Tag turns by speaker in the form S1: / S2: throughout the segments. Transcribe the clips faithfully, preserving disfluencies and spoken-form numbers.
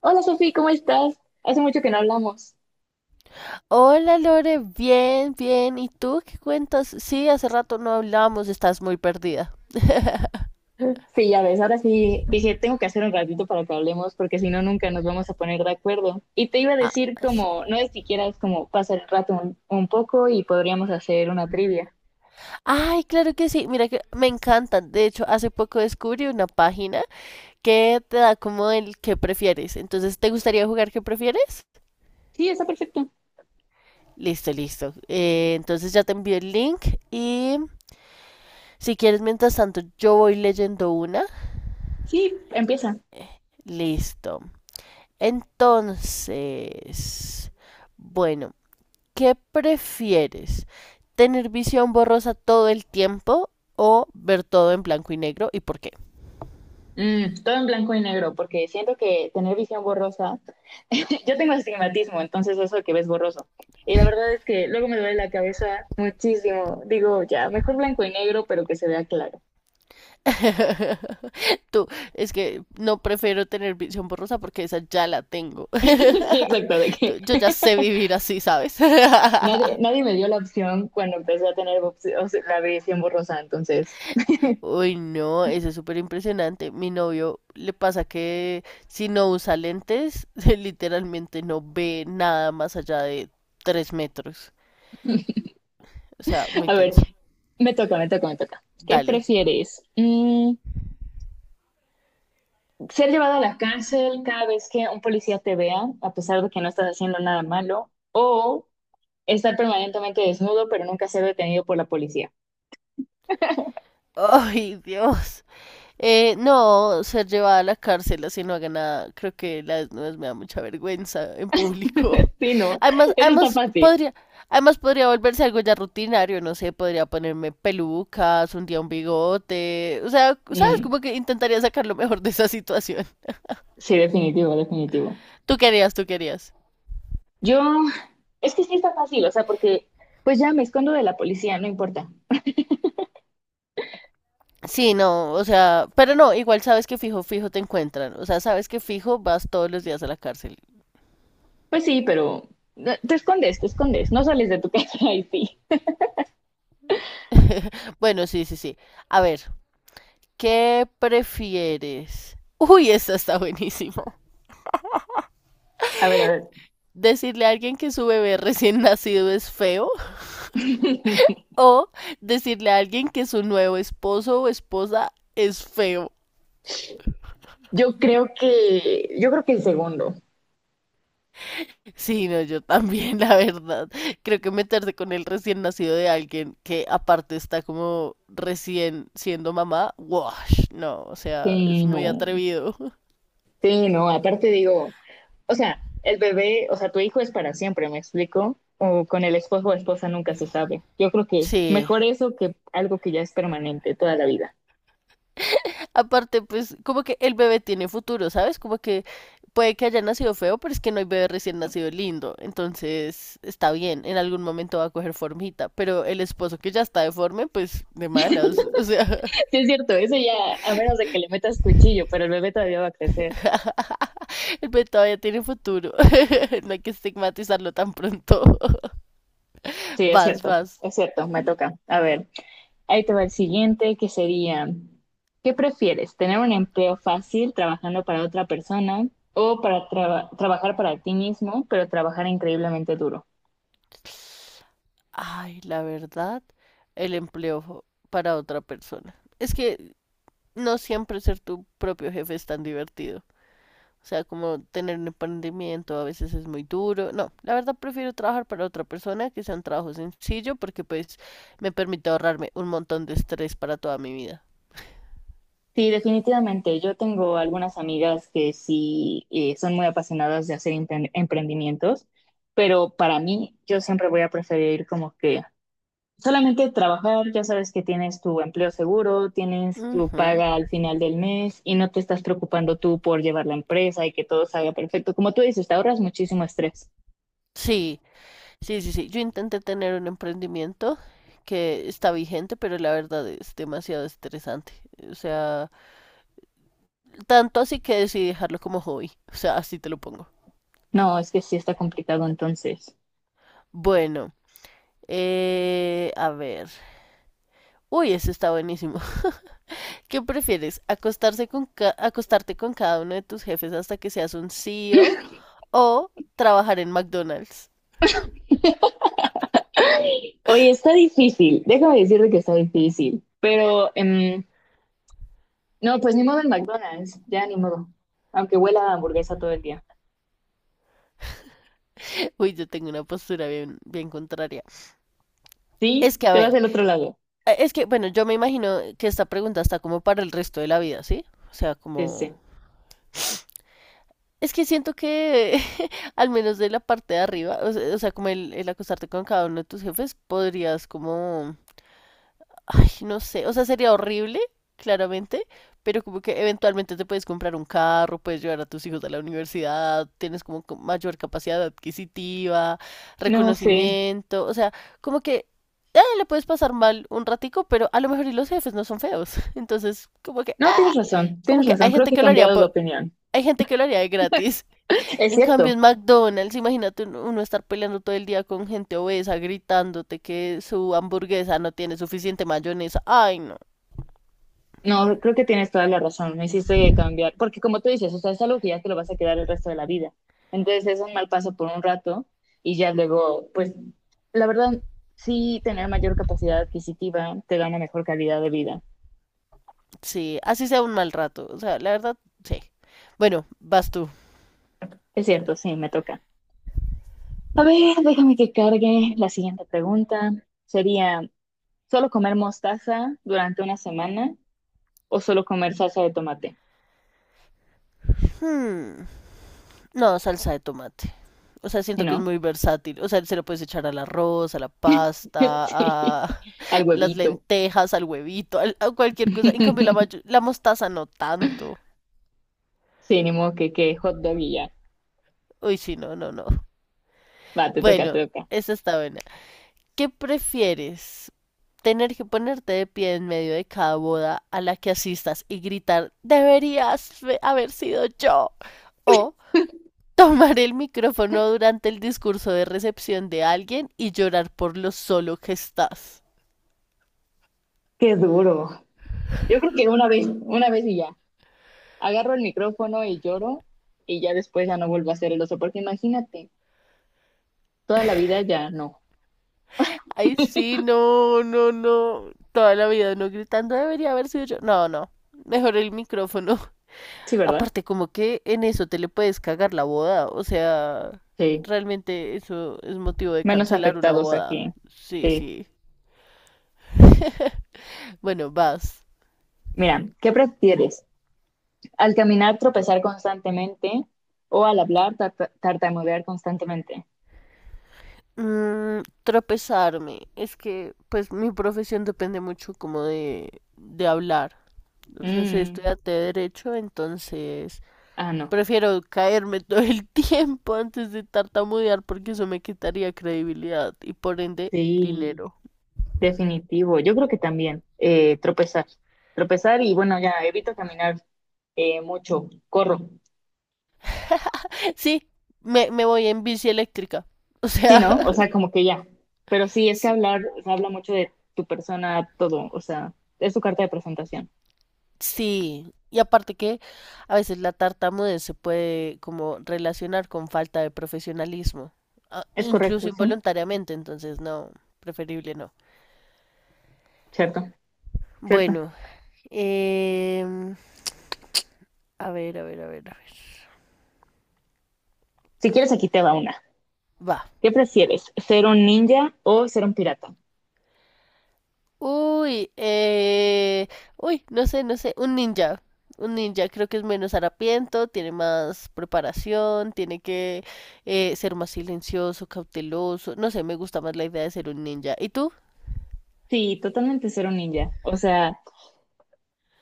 S1: Hola Sofi, ¿cómo estás? Hace mucho que no hablamos.
S2: Hola Lore, bien, bien. ¿Y tú qué cuentas? Sí, hace rato no hablamos. Estás muy perdida.
S1: Sí, ya ves, ahora sí dije, tengo que hacer un ratito para que hablemos porque si no, nunca nos vamos a poner de acuerdo. Y te iba a
S2: Ah,
S1: decir
S2: sí.
S1: como, no es si quieras como pasar el rato un, un poco y podríamos hacer una trivia.
S2: Ay, claro que sí. Mira que me encantan. De hecho, hace poco descubrí una página que te da como el que prefieres. Entonces, ¿te gustaría jugar qué prefieres?
S1: Sí, está perfecto.
S2: Listo, listo. Eh, entonces ya te envío el link y si quieres, mientras tanto, yo voy leyendo una.
S1: Sí, empieza.
S2: Listo. Entonces, bueno. ¿Qué prefieres? ¿Tener visión borrosa todo el tiempo o ver todo en blanco y negro y por qué?
S1: Mm, todo en blanco y negro porque siento que tener visión borrosa, yo tengo astigmatismo, entonces eso que ves borroso. Y la verdad es que luego me duele la cabeza muchísimo. Digo, ya, mejor blanco y negro, pero que se vea claro.
S2: Tú, es que no prefiero tener visión borrosa porque esa ya la tengo.
S1: Sí, exacto, de que
S2: Yo ya sé vivir así, ¿sabes?
S1: nadie, nadie me dio la opción cuando empecé a tener opci- o sea, la visión borrosa, entonces,
S2: Uy, no, eso es súper impresionante. Mi novio le pasa que si no usa lentes, literalmente no ve nada más allá de tres metros. O sea, muy
S1: a ver,
S2: tenso.
S1: me toca, me toca, me toca. ¿Qué
S2: Dale.
S1: prefieres? Mm, ¿ser llevado a la cárcel cada vez que un policía te vea, a pesar de que no estás haciendo nada malo? ¿O estar permanentemente desnudo, pero nunca ser detenido por la policía?
S2: Ay, Dios. Eh, no, ser llevada a la cárcel así no haga nada. Creo que la desnudez me da mucha vergüenza en público.
S1: Sí, no,
S2: Además,
S1: eso está
S2: además
S1: fácil.
S2: podría, además podría volverse algo ya rutinario, no sé, podría ponerme pelucas, un día un bigote. O sea, sabes,
S1: Mm,
S2: como que intentaría sacar lo mejor de esa situación.
S1: sí, definitivo, definitivo.
S2: Tú querías, tú querías.
S1: Yo, es que sí está fácil, o sea, porque pues ya me escondo de la policía, no importa.
S2: Sí, no, o sea, pero no, igual sabes que fijo, fijo te encuentran. O sea, sabes que fijo vas todos los días a la cárcel.
S1: Pues sí, pero eh, te escondes, te escondes, no sales de tu casa y sí.
S2: Bueno, sí, sí, sí. A ver, ¿qué prefieres? Uy, esta está buenísima.
S1: A ver, a ver.
S2: ¿Decirle a alguien que su bebé recién nacido es feo? ¿O decirle a alguien que su nuevo esposo o esposa es feo?
S1: Yo creo que, yo creo que el segundo.
S2: Sí, no, yo también, la verdad. Creo que meterse con el recién nacido de alguien que aparte está como recién siendo mamá, wash, no, o sea, es
S1: Sí,
S2: muy
S1: no.
S2: atrevido.
S1: Sí, no. Aparte digo, o sea, el bebé, o sea, tu hijo es para siempre, ¿me explico? O con el esposo o esposa nunca se sabe. Yo creo que
S2: Sí,
S1: mejor eso que algo que ya es permanente toda la vida.
S2: aparte, pues, como que el bebé tiene futuro, ¿sabes? Como que puede que haya nacido feo, pero es que no hay bebé recién nacido lindo. Entonces, está bien, en algún momento va a coger formita. Pero el esposo que ya está deforme, pues, de malas. O sea,
S1: Sí, es cierto, eso ya, a menos de que le metas cuchillo, pero el bebé todavía va a crecer.
S2: el bebé todavía tiene futuro. No hay que estigmatizarlo tan pronto.
S1: Sí, es
S2: Vas,
S1: cierto,
S2: vas.
S1: es cierto, me toca. A ver, ahí te va el siguiente, que sería, ¿qué prefieres? ¿Tener un empleo fácil trabajando para otra persona o para traba- trabajar para ti mismo, pero trabajar increíblemente duro?
S2: Ay, la verdad, el empleo para otra persona. Es que no siempre ser tu propio jefe es tan divertido. O sea, como tener un emprendimiento a veces es muy duro. No, la verdad prefiero trabajar para otra persona que sea un trabajo sencillo porque pues me permite ahorrarme un montón de estrés para toda mi vida.
S1: Sí, definitivamente. Yo tengo algunas amigas que sí eh, son muy apasionadas de hacer empre- emprendimientos, pero para mí yo siempre voy a preferir como que solamente trabajar, ya sabes que tienes tu empleo seguro, tienes tu
S2: Ujú.
S1: paga al final del mes y no te estás preocupando tú por llevar la empresa y que todo salga perfecto. Como tú dices, te ahorras muchísimo estrés.
S2: Sí, sí, sí, sí. Yo intenté tener un emprendimiento que está vigente, pero la verdad es demasiado estresante. O sea, tanto así que decidí dejarlo como hobby. O sea, así te lo pongo.
S1: No, es que sí está complicado entonces.
S2: Bueno, eh, a ver. Uy, ese está buenísimo. ¿Qué prefieres? ¿Acostarse con ca- ¿Acostarte con cada uno de tus jefes hasta que seas un CEO o o trabajar en McDonald's?
S1: ¡Ay! Oye, está difícil. Déjame decirte que está difícil. Pero em, no, pues ni modo en McDonald's, ya ni modo. Aunque huela a hamburguesa todo el día.
S2: Uy, yo tengo una postura bien, bien contraria.
S1: Sí,
S2: Es que, a
S1: te vas
S2: ver,
S1: del otro lado.
S2: eh, es que, bueno, yo me imagino que esta pregunta está como para el resto de la vida, ¿sí? O sea,
S1: Sí,
S2: como...
S1: sí.
S2: Es que siento que, al menos de la parte de arriba, o se- o sea, como el, el acostarte con cada uno de tus jefes, podrías como ay, no sé, o sea, sería horrible, claramente, pero como que eventualmente te puedes comprar un carro, puedes llevar a tus hijos a la universidad, tienes como co- mayor capacidad adquisitiva,
S1: No sé.
S2: reconocimiento, o sea, como que ah, le puedes pasar mal un ratico, pero a lo mejor y los jefes no son feos. Entonces, como que,
S1: No,
S2: ah,
S1: tienes razón,
S2: como
S1: tienes
S2: que
S1: razón.
S2: hay
S1: Creo
S2: gente
S1: que he
S2: que lo haría
S1: cambiado de
S2: por,
S1: opinión.
S2: hay gente que lo haría de gratis.
S1: Es
S2: En cambio,
S1: cierto.
S2: en McDonald's, imagínate uno uno estar peleando todo el día con gente obesa, gritándote que su hamburguesa no tiene suficiente mayonesa. Ay, no.
S1: No, creo que tienes toda la razón, me hiciste cambiar, porque como tú dices, o sea, es algo que ya te lo vas a quedar el resto de la vida. Entonces es un mal paso por un rato y ya luego, pues, la verdad, sí, tener mayor capacidad adquisitiva te da una mejor calidad de vida.
S2: Sí, así sea un mal rato. O sea, la verdad, sí. Bueno, vas tú.
S1: Es cierto, sí, me toca. A ver, déjame que cargue la siguiente pregunta. Sería, ¿solo comer mostaza durante una semana o solo comer salsa de tomate?
S2: Hmm, no, salsa de tomate. O sea,
S1: Si
S2: siento que es
S1: no,
S2: muy versátil. O sea, se lo puedes echar al arroz, a la pasta,
S1: sí,
S2: a
S1: al
S2: las
S1: huevito.
S2: lentejas, al huevito, al- a cualquier cosa. En cambio, la, mayo- la mostaza no tanto.
S1: Sí, ni modo que, que hot dog y ya.
S2: Uy, sí, no, no, no.
S1: Va, te toca,
S2: Bueno,
S1: te toca.
S2: esa está buena. ¿Qué prefieres? ¿Tener que ponerte de pie en medio de cada boda a la que asistas y gritar, deberías haber sido yo? ¿O tomar el micrófono durante el discurso de recepción de alguien y llorar por lo solo que estás?
S1: Qué duro. Yo creo que una vez, una vez y ya. Agarro el micrófono y lloro y ya después ya no vuelvo a ser el oso, porque imagínate, toda la vida ya no.
S2: Ay, sí, no, no, no. Toda la vida no gritando, debería haber sido yo. No, no. Mejor el micrófono.
S1: Sí, ¿verdad?
S2: Aparte, como que en eso te le puedes cagar la boda. O sea,
S1: Sí.
S2: realmente eso es motivo de
S1: Menos
S2: cancelar una
S1: afectados
S2: boda.
S1: aquí.
S2: Sí,
S1: Sí.
S2: sí. Bueno, vas.
S1: Mira, ¿qué prefieres? ¿Al caminar tropezar constantemente o al hablar tarta- tartamudear constantemente?
S2: Mm, tropezarme. Es que, pues, mi profesión depende mucho como de, de hablar. O sea, soy
S1: Mm,
S2: estudiante de derecho, entonces
S1: ah, no.
S2: prefiero caerme todo el tiempo antes de tartamudear porque eso me quitaría credibilidad y por ende
S1: Sí,
S2: dinero.
S1: definitivo. Yo creo que también eh, tropezar. Tropezar y bueno, ya evito caminar eh, mucho, corro.
S2: Sí, me, me voy en bici eléctrica. O
S1: Sí, ¿no?
S2: sea,
S1: O sea, como que ya. Pero sí, es que
S2: sí,
S1: hablar, o sea, habla mucho de tu persona, todo. O sea, es tu carta de presentación.
S2: sí, y aparte que a veces la tartamudez se puede como relacionar con falta de profesionalismo, a-
S1: Es
S2: incluso
S1: correcto, sí.
S2: involuntariamente, entonces no, preferible no.
S1: Cierto, cierto.
S2: Bueno, em, a ver, a ver, a ver, a ver.
S1: Si quieres, aquí te va una.
S2: Va.
S1: ¿Qué prefieres? ¿Ser un ninja o ser un pirata?
S2: Uy, eh, uy, no sé, no sé, un ninja. Un ninja creo que es menos harapiento, tiene más preparación, tiene que eh, ser más silencioso, cauteloso. No sé, me gusta más la idea de ser un ninja. ¿Y tú?
S1: Sí, totalmente ser un ninja. O sea,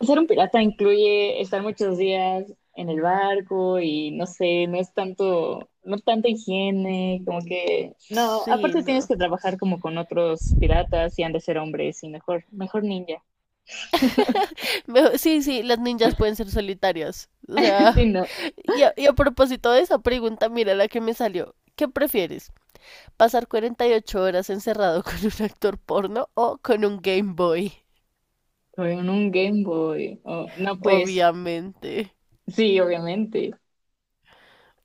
S1: ser un pirata incluye estar muchos días en el barco y no sé, no es tanto, no tanta higiene, como que, no,
S2: Sí,
S1: aparte tienes
S2: no.
S1: que trabajar como con otros piratas y han de ser hombres y mejor, mejor ninja,
S2: Me- Sí, sí, las ninjas pueden ser solitarias. O
S1: sí,
S2: sea,
S1: no,
S2: y a, y a propósito de esa pregunta, mira la que me salió. ¿Qué prefieres? ¿Pasar cuarenta y ocho horas encerrado con un actor porno o con un Game Boy?
S1: o un Game Boy, o- no, pues,
S2: Obviamente.
S1: sí, obviamente,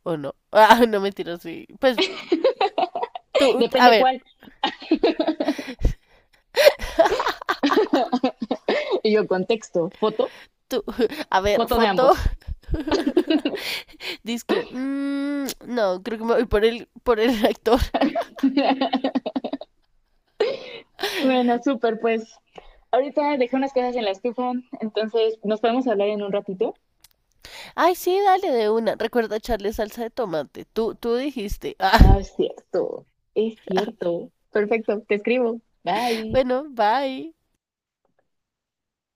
S2: ¿O no? Ah, no mentira, sí. Pues tú, a
S1: depende
S2: ver,
S1: cuál, y yo contexto, foto,
S2: tú, a ver,
S1: foto de
S2: foto.
S1: ambos.
S2: Dice que, mm, no, creo que me voy por el, por el actor.
S1: Bueno, súper, pues, ahorita dejé unas cosas en la estufa, entonces, ¿nos podemos hablar en un ratito?
S2: Ay, sí, dale de una. Recuerda echarle salsa de tomate. Tú, tú dijiste.
S1: Ah, es cierto, es cierto. Perfecto, te escribo. Bye.
S2: Bueno, bye.